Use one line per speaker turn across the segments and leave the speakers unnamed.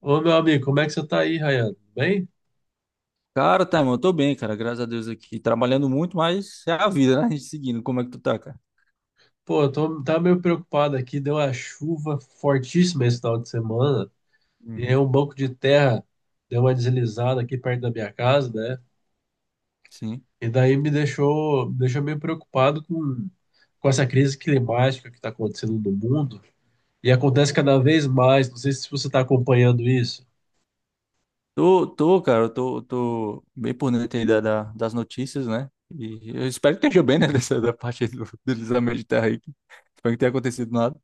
Ô, meu amigo, como é que você tá aí, Ryan? Bem?
Cara, tá, irmão, eu tô bem, cara, graças a Deus aqui. Trabalhando muito, mas é a vida, né? A gente seguindo. Como é que tu tá, cara?
Pô, tava meio preocupado aqui. Deu uma chuva fortíssima esse final de semana. E aí
Uhum.
um banco de terra deu uma deslizada aqui perto da minha casa, né?
Sim.
E daí me deixou meio preocupado com essa crise climática que tá acontecendo no mundo. E acontece cada vez mais. Não sei se você tá acompanhando isso.
Tô, cara, eu tô bem por dentro aí das notícias, né? E eu espero que esteja bem, né? Dessa da parte aí do deslizamento de terra aí. Que Espero que tenha acontecido nada.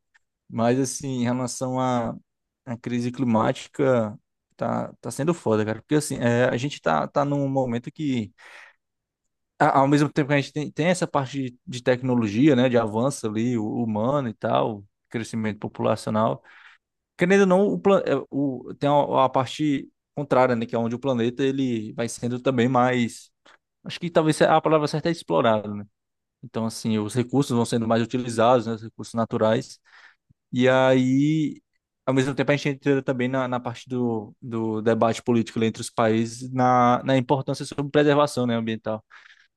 Mas, assim, em relação à crise climática, tá sendo foda, cara. Porque, assim, é, a gente tá num momento que. Ao mesmo tempo que a gente tem essa parte de tecnologia, né, de avanço ali, humano e tal, crescimento populacional, querendo ou não, o, plan- é, o- tem a parte contrária, né, que é onde o planeta ele vai sendo também mais, acho que talvez a palavra certa é explorado, né? Então, assim, os recursos vão sendo mais utilizados, né, os recursos naturais, e aí, ao mesmo tempo, a gente entra também na parte do debate político ali entre os países, na importância sobre preservação, né, ambiental.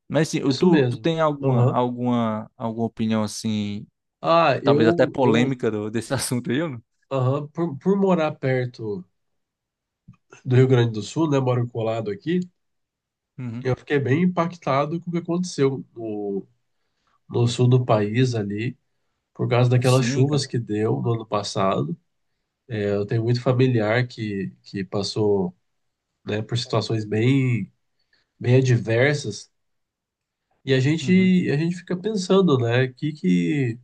Mas assim,
Isso
tu
mesmo.
tem
Aham.
alguma opinião assim,
Ah,
talvez até
eu, eu,
polêmica desse assunto aí, ou não?
aham, por morar perto do Rio Grande do Sul, né? Moro colado aqui. Eu
Uhum.
fiquei bem impactado com o que aconteceu no sul do país ali, por causa daquelas
Sim, cara.
chuvas que deu no ano passado. É, eu tenho muito familiar que passou, né, por situações bem adversas, e
Uhum.
a gente fica pensando, né,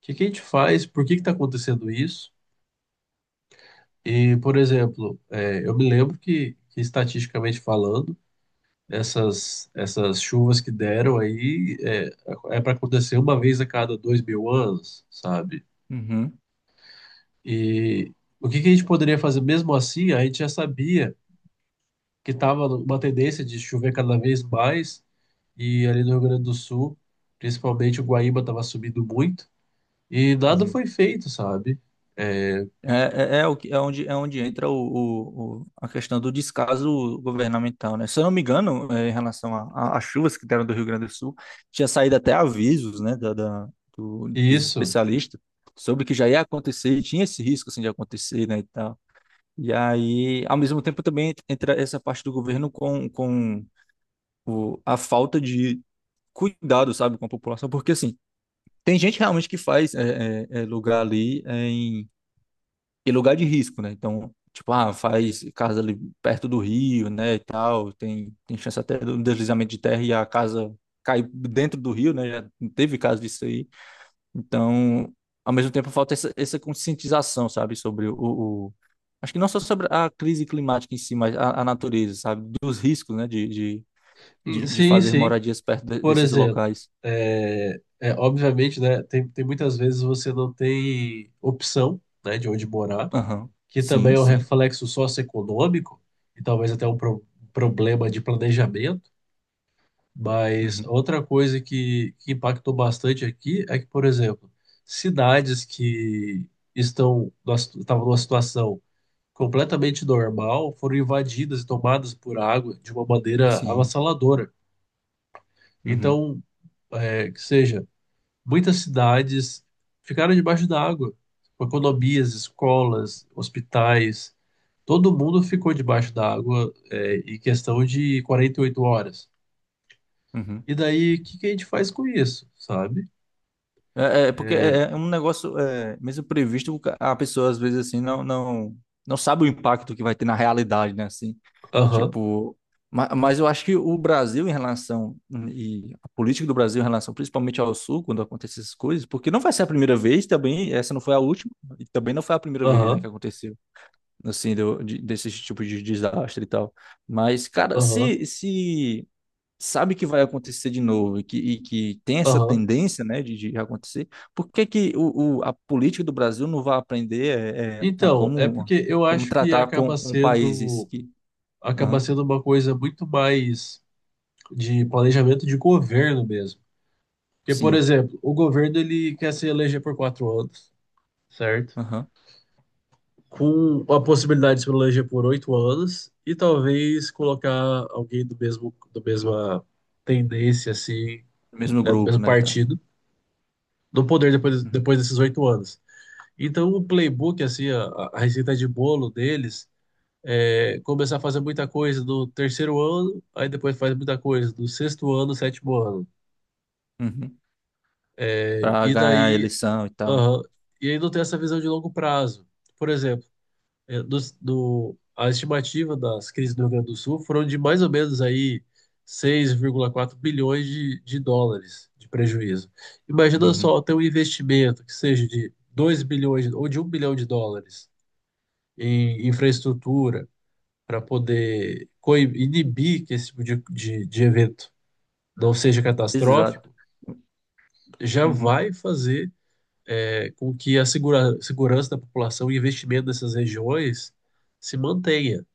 que a gente faz, por que que está acontecendo isso? E, por exemplo, é, eu me lembro que estatisticamente falando, essas chuvas que deram é para acontecer uma vez a cada 2000 anos, sabe?
Uhum.
E o que que a gente poderia fazer mesmo assim? A gente já sabia que estava uma tendência de chover cada vez mais, e ali no Rio Grande do Sul, principalmente o Guaíba estava subindo muito, e nada
Uhum.
foi feito, sabe?
É onde entra a questão do descaso governamental, né? Se eu não me engano, em relação às chuvas que deram do Rio Grande do Sul, tinha saído até avisos, né,
E
dos
isso.
especialistas sobre que já ia acontecer, e tinha esse risco assim, de acontecer, né. E aí, ao mesmo tempo, também entra essa parte do governo com a falta de cuidado, sabe, com a população, porque assim, tem gente realmente que faz lugar ali em, lugar de risco, né? Então, tipo, ah, faz casa ali perto do rio, né, e tal, tem chance até do deslizamento de terra e a casa cai dentro do rio, né? Já teve caso disso aí. Então, ao mesmo tempo, falta essa conscientização, sabe. Acho que não só sobre a crise climática em si, mas a natureza, sabe, dos riscos, né,
E
de
sim,
fazer
sim.
moradias perto
Por
desses
exemplo,
locais.
obviamente, né, tem muitas vezes você não tem opção, né, de onde morar,
Aham.
que
Sim,
também é um
sim.
reflexo socioeconômico e talvez até um um problema de planejamento. Mas
Uhum.
outra coisa que impactou bastante aqui é que, por exemplo, cidades que estão numa estavam numa situação completamente normal foram invadidas e tomadas por água de uma maneira
Sim.
avassaladora.
Uhum.
Então, é, que seja, muitas cidades ficaram debaixo da água, com economias, escolas, hospitais. Todo mundo ficou debaixo da água, é, em questão de 48 horas.
Uhum.
E daí, o que que a gente faz com isso, sabe?
É, porque um negócio, é, mesmo previsto, a pessoa às vezes assim não sabe o impacto que vai ter na realidade, né, assim.
Aham,
Tipo, mas eu acho que o Brasil em relação, e a política do Brasil em relação principalmente ao Sul, quando acontecem essas coisas, porque não vai ser a primeira vez também, essa não foi a última, e também não foi a primeira vez, né, que
aham,
aconteceu, assim, desse tipo de desastre e tal. Mas, cara,
aham,
se sabe que vai acontecer de novo e que, tem essa
aham.
tendência, né, de acontecer, por que que a política do Brasil não vai aprender a
Então, é
como,
porque eu acho que
tratar com países que...
acaba
Aham,
sendo uma coisa muito mais de planejamento de governo mesmo. Porque, por
sim.
exemplo, o governo ele quer se eleger por 4 anos, certo?
Aham.
Com a possibilidade de Solange por 8 anos e talvez colocar alguém do mesma tendência, assim,
Mesmo
né, do
grupo,
mesmo
né, e tal.
partido, no poder
Uhum.
depois desses 8 anos. Então, o playbook, a receita de bolo deles é começar a fazer muita coisa no terceiro ano, aí depois faz muita coisa no sexto ano, sétimo ano.
Uhum.
É,
Pra
e
ganhar a
daí,
eleição e tal, né?
aham, e aí não tem essa visão de longo prazo. Por exemplo, a estimativa das crises do Rio Grande do Sul foram de mais ou menos aí 6,4 bilhões de dólares de prejuízo. Imagina
Uhum.
só ter um investimento que seja de 2 bilhões ou de 1 bilhão de dólares em infraestrutura para poder inibir que esse tipo de evento não seja
Exato.
catastrófico, já
Uhum.
vai fazer é, com que a segurança da população e investimento nessas regiões se mantenha.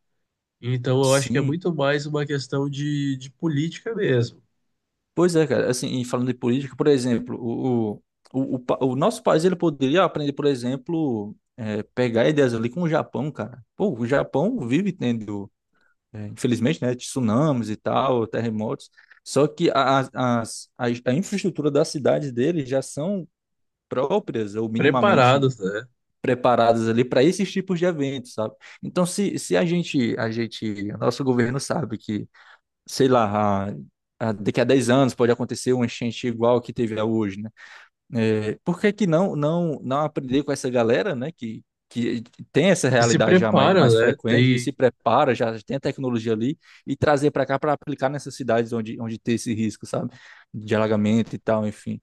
Então, eu acho que é
Sim.
muito mais uma questão de política mesmo.
Pois é, cara. Assim, e falando de política, por exemplo, o nosso país ele poderia aprender, por exemplo, pegar ideias ali com o Japão, cara. Pô, o Japão vive tendo, infelizmente, né, tsunamis e tal, terremotos. Só que a, as- a infraestrutura das cidades deles já são próprias ou minimamente
Preparados, né?
preparadas ali para esses tipos de eventos, sabe? Então, se a gente, a gente, o nosso governo sabe que, sei lá, daqui a 10 anos pode acontecer uma enchente igual a que teve a hoje, né? É, por que que não aprender com essa galera, né, que, que tem essa
E se
realidade já
prepara,
mais
né?
frequente e
Tem,
se prepara, já tem a tecnologia ali, e trazer para cá para aplicar nessas cidades onde tem esse risco, sabe, de alagamento e tal, enfim.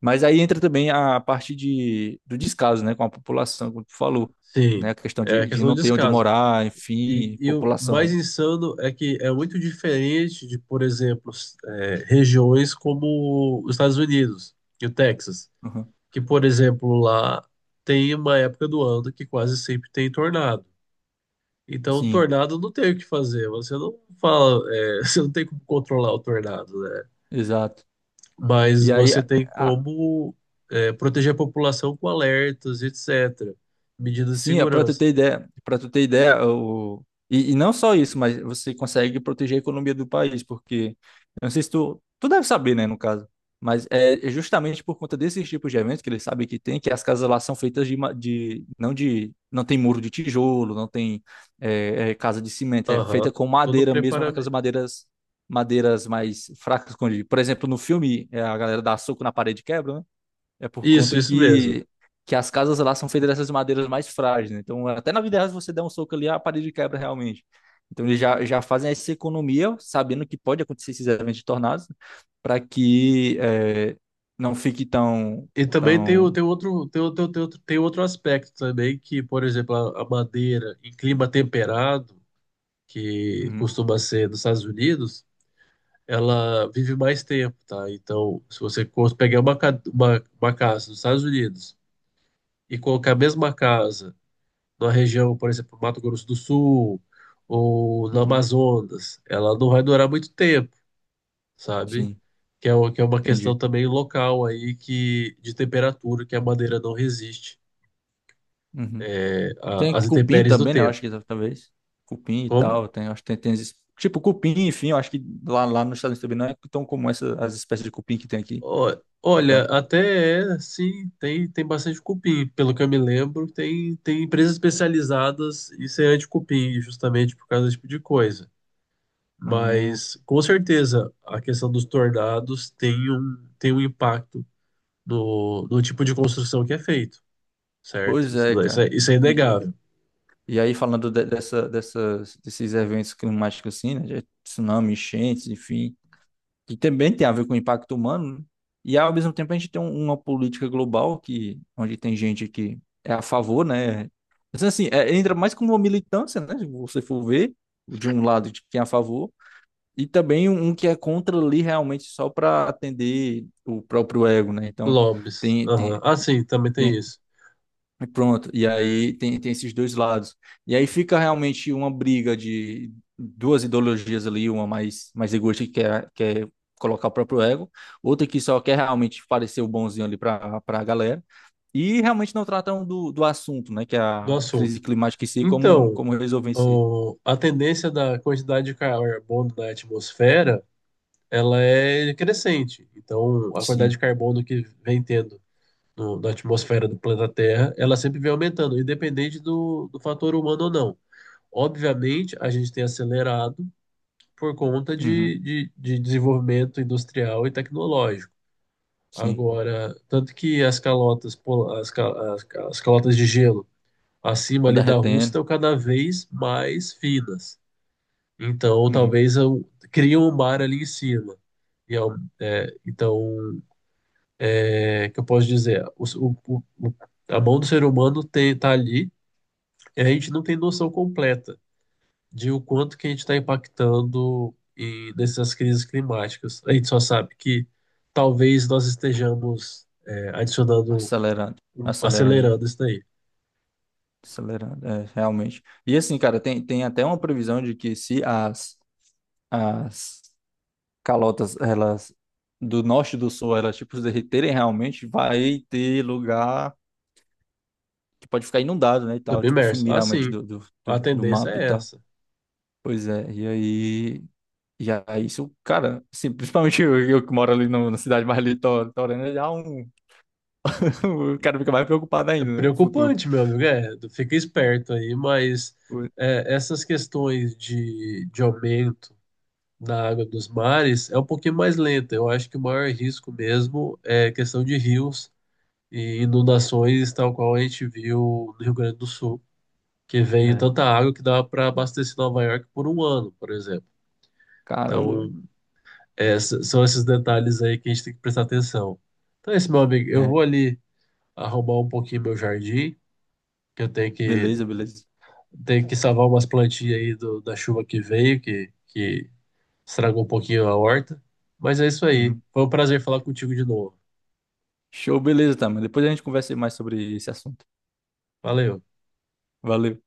Mas aí entra também a parte do descaso, né, com a população, como tu falou, né,
sim,
a questão
é a
de
questão de
não ter onde
descaso.
morar, enfim,
E o mais
população.
insano é que é muito diferente de, por exemplo, regiões como os Estados Unidos e o Texas,
Uhum.
que, por exemplo, lá tem uma época do ano que quase sempre tem tornado. Então, o
Sim,
tornado não tem o que fazer. Você não fala, é, você não tem como controlar o tornado, né?
exato.
Mas
E aí,
você tem como é, proteger a população com alertas, etc. Medidas de
sim, é para tu
segurança.
ter ideia, para tu ter ideia, o... E, não só isso, mas você consegue proteger a economia do país, porque eu não sei se tu deve saber, né, no caso, mas é justamente por conta desses tipos de eventos que eles sabem que tem, que as casas lá são feitas de, de, não tem muro de tijolo, não tem casa de cimento, é
Aham,
feita com
todo
madeira mesmo, aquelas
preparamento.
madeiras mais fracas, como, eu digo. Por exemplo, no filme a galera dá soco na parede e quebra, né? É por
Isso,
conta
isso mesmo.
que, as casas lá são feitas dessas madeiras mais frágeis, né? Então, até na vida real, se você der um soco ali, a parede quebra realmente. Então, eles já fazem essa economia, sabendo que pode acontecer esses eventos de tornados, para que não fique tão,
E também tem,
tão...
tem outro aspecto também, que, por exemplo, a madeira em clima temperado, que
Uhum,
costuma ser nos Estados Unidos, ela vive mais tempo, tá? Então, se você pegar uma casa nos Estados Unidos e colocar a mesma casa numa região, por exemplo, Mato Grosso do Sul ou no
uhum,
Amazonas, ela não vai durar muito tempo, sabe?
sim,
Que é, que é uma
entendi.
questão também local aí que de temperatura que a madeira não resiste
Uhum.
é,
Tem
às
cupim
intempéries do
também, né? Eu
tempo.
acho que talvez. Cupim e
Como?
tal, tem, acho que tem, tem esses- tipo, cupim, enfim, eu acho que lá nos Estados Unidos também não é tão comum as espécies de cupim que tem aqui.
Ó, olha,
Então...
até é, sim, tem, tem bastante cupim. Pelo que eu me lembro, tem empresas especializadas em semente de cupim, justamente por causa desse tipo de coisa.
Hum.
Mas com certeza a questão dos tornados tem tem um impacto no tipo de construção que é feito, certo?
Pois
Isso,
é, cara.
isso é
E,
inegável.
e aí, falando desses eventos climáticos, assim, né, de tsunami, enchentes, enfim, que também tem a ver com o impacto humano, né? E ao mesmo tempo a gente tem uma política global que, onde tem gente que é a favor, né? Mas, assim, entra mais como uma militância, né? Se você for ver, de um lado de quem é a favor, e também um que é contra ali realmente só para atender o próprio ego, né? Então,
Lobbies.
tem,
Aham.
tem,
Ah, sim, também tem
tem
isso,
e pronto. E aí tem esses dois lados. E aí fica realmente uma briga de duas ideologias ali, uma mais egoísta que quer colocar o próprio ego, outra que só quer realmente parecer o bonzinho ali para a galera. E realmente não tratam do assunto, né? Que é
do
a crise
assunto.
climática em si, como,
Então,
resolver em si.
a tendência da quantidade de carbono na atmosfera, ela é crescente. Então, a quantidade de
Sim.
carbono que vem tendo na atmosfera do planeta Terra, ela sempre vem aumentando, independente do fator humano ou não. Obviamente, a gente tem acelerado por conta
Uhum.
de desenvolvimento industrial e tecnológico.
Sim.
Agora, tanto que as calotas, pol- as, ca- as, ca- as calotas de gelo acima
Estão
ali da Rússia
derretendo.
estão cada vez mais finas. Então,
Uhum.
talvez eu, criam um mar ali em cima. E é então, é que eu posso dizer? A mão do ser humano tem, tá ali e a gente não tem noção completa de o quanto que a gente está impactando e nessas crises climáticas. A gente só sabe que talvez nós estejamos é,
Acelerando. Acelerando, né?
acelerando isso daí.
Acelerando, realmente. E assim, cara, tem até uma previsão de que se as, as calotas, elas do norte e do sul, elas tipo se derreterem realmente, vai ter lugar que pode ficar inundado, né, e tal, tipo
Submerso.
sumir realmente
Assim,
do,
a
do
tendência
mapa e
é
tal.
essa.
Pois é, e aí isso, cara, assim, principalmente eu que moro ali na cidade mais litorânea, já um, o cara fica mais preocupado
É
ainda, né, com o futuro.
preocupante, meu amigo, é, fica esperto aí, mas
Pois-
é, essas questões de aumento da água dos mares é um pouquinho mais lenta. Eu acho que o maior risco mesmo é questão de rios e inundações, tal qual a gente viu no Rio Grande do Sul, que vem
É.
tanta água que dá para abastecer Nova York por um ano, por exemplo.
Caramba, velho.
Então, é, são esses detalhes aí que a gente tem que prestar atenção. Então é isso, meu amigo. Eu
É,
vou ali arrumar um pouquinho meu jardim, que
beleza, beleza.
tenho que salvar umas plantinhas aí da chuva que veio, que estragou um pouquinho a horta. Mas é isso aí.
Uhum.
Foi um prazer falar contigo de novo.
Show, beleza, tá, mas depois a gente conversa mais sobre esse assunto.
Valeu.
Valeu.